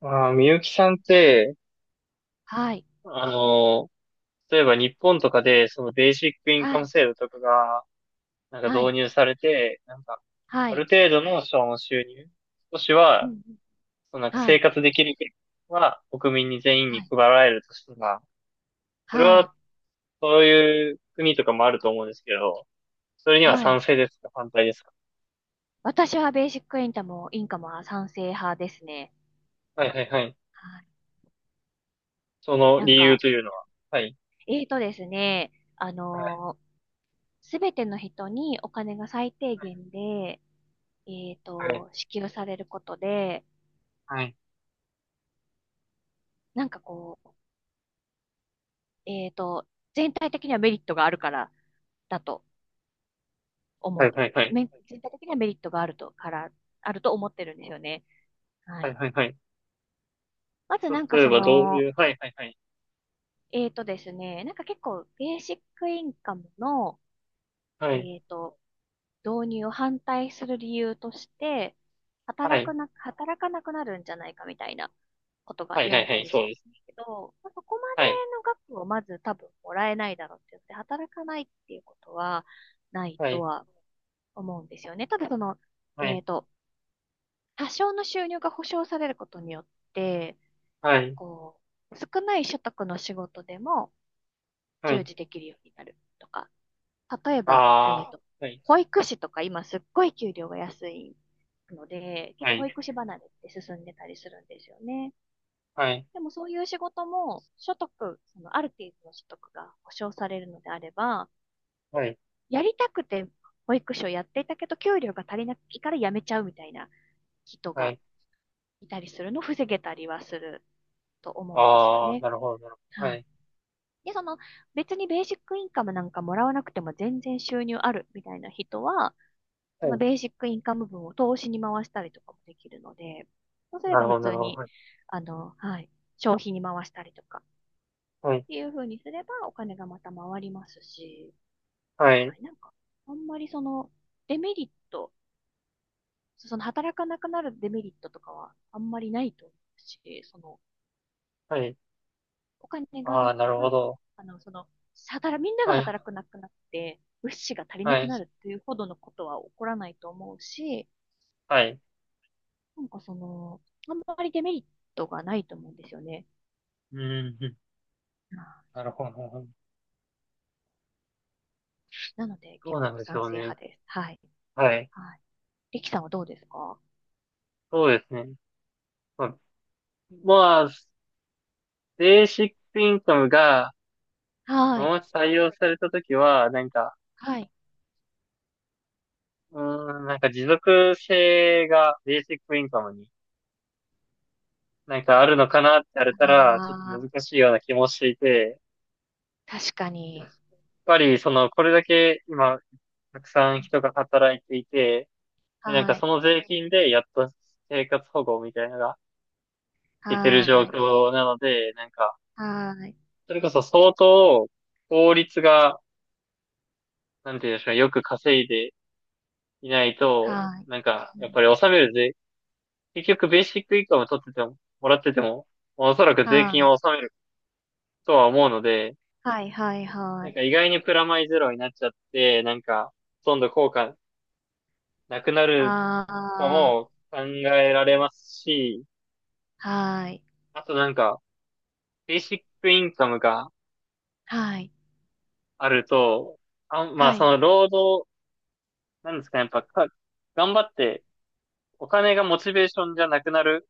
ああ、みゆきさんって、はい。あの、例えば日本とかで、そのベーシックインはカムい。制度とかが、なんかは導い。入されて、なんか、はあい。る程度のその収入、少しうんうは、ん。そのなんかは生い。活できる権利は国民に全員はにい。配られるとしたら、それはい。は、そういう国とかもあると思うんですけど、それにはは賛い。成ですか反対ですか？私はベーシックインカムも、インカムは賛成派ですね。はいはいはい。はい。そのなん理由か、というのは、はい。えーとですね、はい。すべての人にお金が最低限で、はい。支給されることで、はい。なんかこう、えーと、全体的にはメリットがあるからだとは思い。う。はい。はい。全体的にはメリットがあると、から、あると思ってるんですよね。ははい。い。はい。はい。まず例えそばどうの、いう、はいはいはい。えーとですね、結構ベーシックインカムの、はえい。ーと、導入を反対する理由として、はい。働かなくなるんじゃないかみたいなことがはい、言はわい、れはたい、りすそるうんでですね。すけど、まあ、そこまではい、の額をまず多分もらえないだろうって言って、働かないっていうことはないはとい、は思うんですよね。ただその、はえい、ーと、多少の収入が保障されることによって、はい、こう、少ない所得の仕事でもは従い。事できるようになるとか、例えば、ああ、はい、保育士とか今すっごい給料が安いので、結は構保い、育士離れって進んでたりするんですよね。はい、でもそういう仕事も所得、そのある程度の所得が保障されるのであれば、はい、やりたくて保育士をやっていたけど、給料が足りないから辞めちゃうみたいな人はがい。いたりするのを防げたりはすると思うんですよああ、ね。なるほど、なるほど。ははい。い、で、その別にベーシックインカムなんかもらわなくても全然収入あるみたいな人は、そはのい、ベーシックインカム分を投資に回したりとかもできるので、そうすれなばるほ普ど、な通るほに、ど。はい、消費に回したりとかっはい、ていう風にすればお金がまた回りますし、ははい、い、あんまりそのデメリット、その働かなくなるデメリットとかはあんまりないと思うし、そのはい。お金があなあ、なるほく、ど。その、みんながはい、働くなくなって、物資が足りなはくい、なるっていうほどのことは起こらないと思うし、はい。その、あんまりデメリットがないと思うんですよね。うん、うん、なるほど、なるほど。うんなのでそう結なん構でし賛ょう成ね。派です。はい。はい、はい。リキさんはどうですか？そうですね。まあ、まあベーシックインカムが、はい。もし採用されたときは、なんか、はい。うーん、なんか持続性がベーシックインカムになんかあるのかなって言われたら、ちょっとああ、難しいような気もしていて、確かやっに。ぱりその、これだけ今、たくさん人が働いていて、でなんはかそい。の税金でやっと生活保護みたいなのがいけてる状はい。況なので、なんか、はい。それこそ相当法律が、なんていうんですか、よく稼いでいないと、はい。なんか、うやっんぱり納める税、結局ベーシックインカム取ってても、もらってても、おそらく税は金をい。納めるとは思うので、はい。はい。はなんかい。意外にプラマイゼロになっちゃって、なんか、ほとんど効果なくなるかあも考えられますし、あ、はい。あとなんか、ベーシックインカムがはい。あると、あ、まあはそい。の労働、なんですかね、やっぱか、頑張ってお金がモチベーションじゃなくなる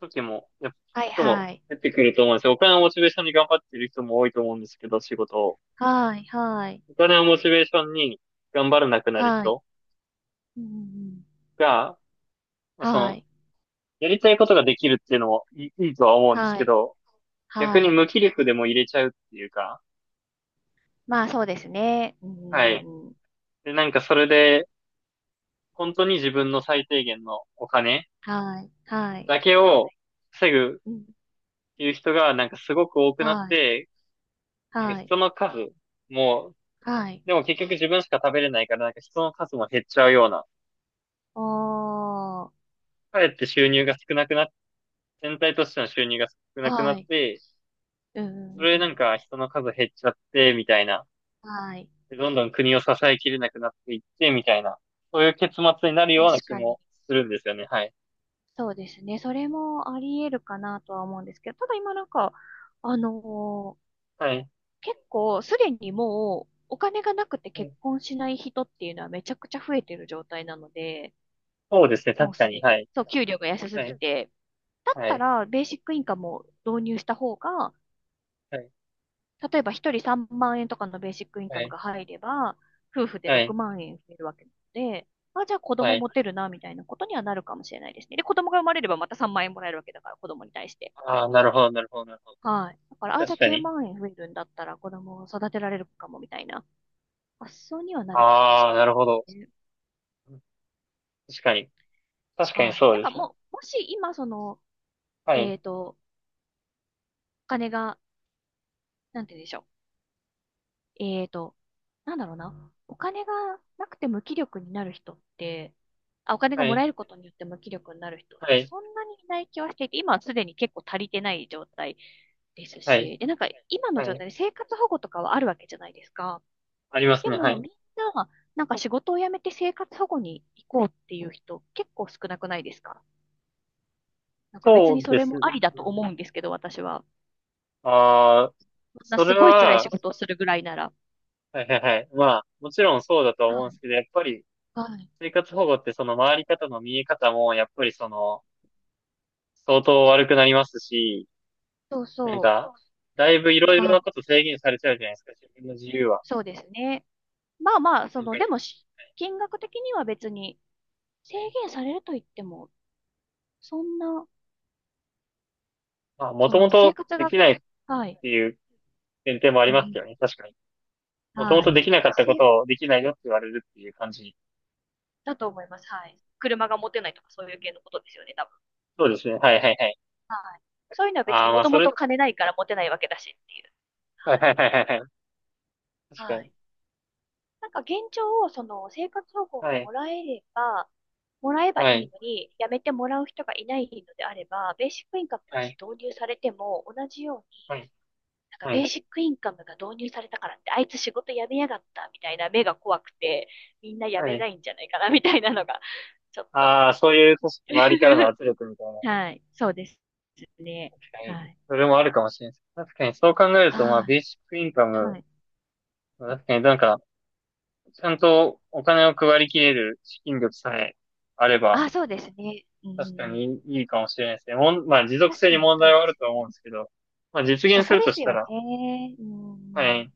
時も、やっぱはい。人もはい。出てくると思うんですよ。お金をモチベーションに頑張ってる人も多いと思うんですけど、仕事を。はい。はい。お金をモチベーションに頑張らなくなるはい。人うんうんが、まあ、うん。そはの、い。やりたいことができるっていうのもいい、いいとは思うんですはけい。ど、逆はにい。無気力でも入れちゃうっていうか、まあそうですね。うはい。ん。で、なんかそれで、本当に自分の最低限のお金はい。はい。だけを防ぐっうん。ていう人がなんかすごく多くなっはい。て、なんかはい。人の数も、はい。でも結局自分しか食べれないからなんか人の数も減っちゃうような、おー。かえって収入が少なくなって全体としての収入が少なくなはっい。て、うそん。れなんか人の数減っちゃって、みたいな。はい。でどんどん国を支えきれなくなっていって、みたいな。そういう結末になるような確気かに。もするんですよね。はい。そうですね。それもあり得るかなとは思うんですけど、ただ今あのーはい。結構すでにもうお金がなくてう結ん、婚しない人っていうのはめちゃくちゃ増えてる状態なので、そうですね。もう確かすに。ではに。い。そう、給料が安すはぎい。て。だっはたい。ら、ベーシックインカムを導入した方が、はい。例えば一人3万円とかのベーシックインはカムい。が入れば、夫婦では6い。万円増えるわけなので、あ、じゃあ子は供い。持てるな、みたいなことにはなるかもしれないですね。で、子供が生まれればまた3万円もらえるわけだから、子供に対して。ああ、なるほど、なるほど、なるほど。はい。だから、あ、じゃ確あか9に。万円増えるんだったら子供を育てられるかも、みたいな発想にはなるかもしああ、れなないるほど。ですね。確かに。確かにはい。そうですね。もう、もし今その、はい。えっと、お金が、なんて言うんでしょう。えーと、なんだろうな。お金がなくて無気力になる人って、あ、お金がはもらい。えることによって無気力になる人ってはい。そんなにいない気はしていて、今はすでに結構足りてない状態ですはい。し、で、今のは状い。態で生活保護とかはあるわけじゃないですか。ありますでね。はもい。みんな、仕事を辞めて生活保護に行こうっていう人結構少なくないですか？別そにうそでれすもあね。りだと思うんですけど、私は。ああ、そんなそすれごい辛いは、仕事をするぐらいなら。はいはいはい。まあ、もちろんそうだとは思うはんでい。すけど、やっぱりはい。生活保護ってその回り方の見え方も、やっぱりその、相当悪くなりますし、そうなんそか、だいぶいろう。いろはない。こと制限されちゃうじゃないですか、自分の自由は。そうですね。まあまあ、そなんの、か、はでいもし、金額的には別に制はい、限されると言っても、そんな、まあ、もそともの、生と活でが、きないっはい。ていう前提もあうりんうますけどんね、確かに。もともはとでい。きなかったこせ、とをできないよって言われるっていう感じ。だと思います。はい。車が持てないとかそういう系のことですよね、多分。そうですね、はいはいはい。はい。そういうのは別あにあ、まもあとそもれ、と金ないから持てないわけだしっていう。はいはいはいはいはい。確はかい。はに。い。現状を、その、生活保護をはい、もらえれば、もらえばいはい、いのに、やめてもらう人がいないのであれば、ベーシックインカムがはい、導入されても、同じようはい、はベーい、シックインカムが導入されたからって、あいつ仕事辞めやがったみたいな目が怖くて、みんな辞はめい。ないんじゃないかなみたいなのが、ちょっと。ああ、そういう組織周りからの 圧力みたいな。はい。そうですね。確かはに。い。それもあるかもしれないです。確かにそう考えると、まあ、はベーシックインカい。はム、い。確かになんか、ちゃんとお金を配りきれる資金力さえあれば、あ、そうですね。う確かん。にいいかもしれないですね。もん、まあ、持続確性かにに問そう題ではあるすとは思うね。んですけど、まあ、実そ現すこるでとすしたよら、ね。うはん。い。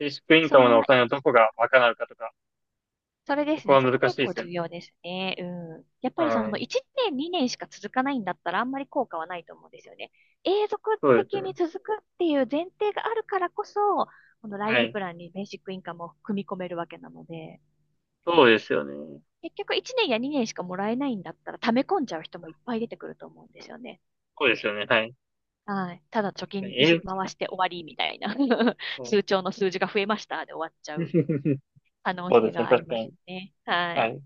ベーシックインカそムんのおな金をどこが賄うかとか、それでそすこね。はそこ難しい結で構すよ重ね。要ですね。うん。やっぱりそはのい。1年、2年しか続かないんだったらあんまり効果はないと思うんですよね。永続そうです的にね。続くっていう前提があるからこそ、このライはフい。プランにベーシックインカムを組み込めるわけなので、そうですよね。結局1年や2年しかもらえないんだったら溜め込んじゃう人もいっぱい出てくると思うんですよね。そうですよね。はい。はい。ただ貯確か金に、にし回して終わりみたいな そう 通帳の数字が増えましたで終わっちゃう 可能そう性ですね。があり確かますに。ね。ははい。い。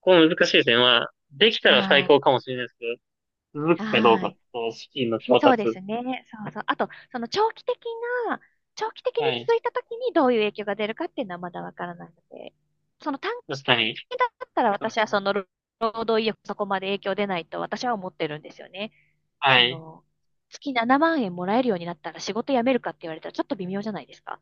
この難しい点は、できたら最は高かもしれないですけど、続い。くかどうはかい。と、資金の調そうで達。すね。そうそう。あと、そのな、長期的はにい。続いたときにどういう影響が出るかっていうのはまだわからないので、その短確かに。期だったらそうで私はすね。その労働意欲そこまで影響出ないと私は思ってるんですよね。はそい。の、月7万円もらえるようになったら仕事辞めるかって言われたらちょっと微妙じゃないですか。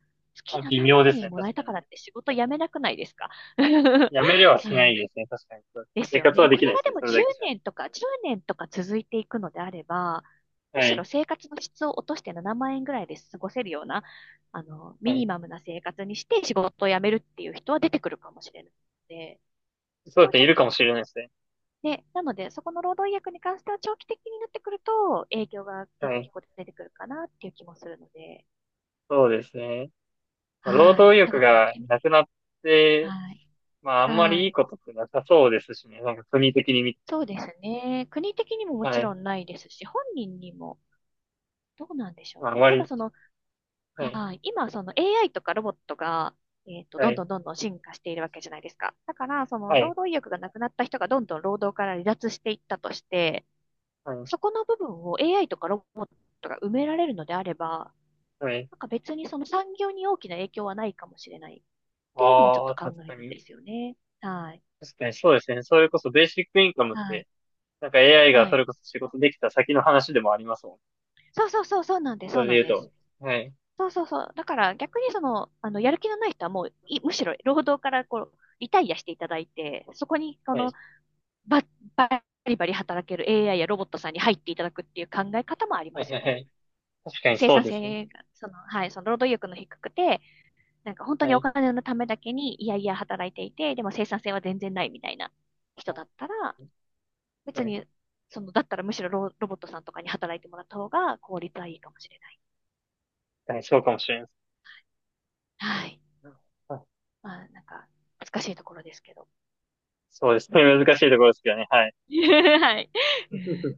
ま月あ、微7妙で万す円ね。もら確えかたに。からって仕事辞めなくないですか？ やめれはうしないんですね。確かに。そうですね、です生よ活ね。はでこきれないでがすでね。もそれだ10けじゃ。年とか、10年とか続いていくのであれば、むはしろい。生活の質を落として7万円ぐらいで過ごせるような、はミニい。マムな生活にして仕事を辞めるっていう人は出てくるかもしれないので、そそうこですはちね。ょいっるかと。もしれないですね。で、なので、そこの労働意約に関しては長期的になってくると、影響がは結い。構出てくるかなっていう気もするので、そうですね。まあ労は働い。意欲長くやっがてみたない。くなって、はい。まあ、あんまはりいいい。ことってなさそうですしね。なんか国的に見て、そうですね。国的にももちはろい。んないですし、本人にもどうなんでしょまあ、あうんね。まただり、その、はい。はい。今、その AI とかロボットが、はどんい。どんどんどん進化しているわけじゃないですか。だから、そはの労い。働意欲がなくなった人がどんどん労働から離脱していったとして、はい。そこの部分を AI とかロボットが埋められるのであれば、はい。別にその産業に大きな影響はないかもしれないっていうのもちょっあとあ、考確えかるんに。ですよね。はい。確かにそうですね。それこそベーシックインカムっはて、い。なんか AI がはそい。れこそ仕事できた先の話でもありますもん。そうそうそう、そうなんです、そそうれでなん言うです。と。はい。そうそうそう。だから逆にその、やる気のない人はもうい、むしろ労働からこう、リタイアしていただいて、そこに、こはのい。バリバリ働ける AI やロボットさんに入っていただくっていう考え方もありはまい。すはよいはね。い、確かに生そう産ですね。性が、その、はい、その労働意欲の低くて、本当はにおい。金のためだけにいやいや働いていて、でも生産性は全然ないみたいなは人だったら、い。別はい、に、その、だったらむしろロボットさんとかに働いてもらった方が効率はいいかもしれない。確かにそうかもしれないではい。す。はい、まあ、難しいところですけど。そうですね。難しいところですけどね。はい。はい。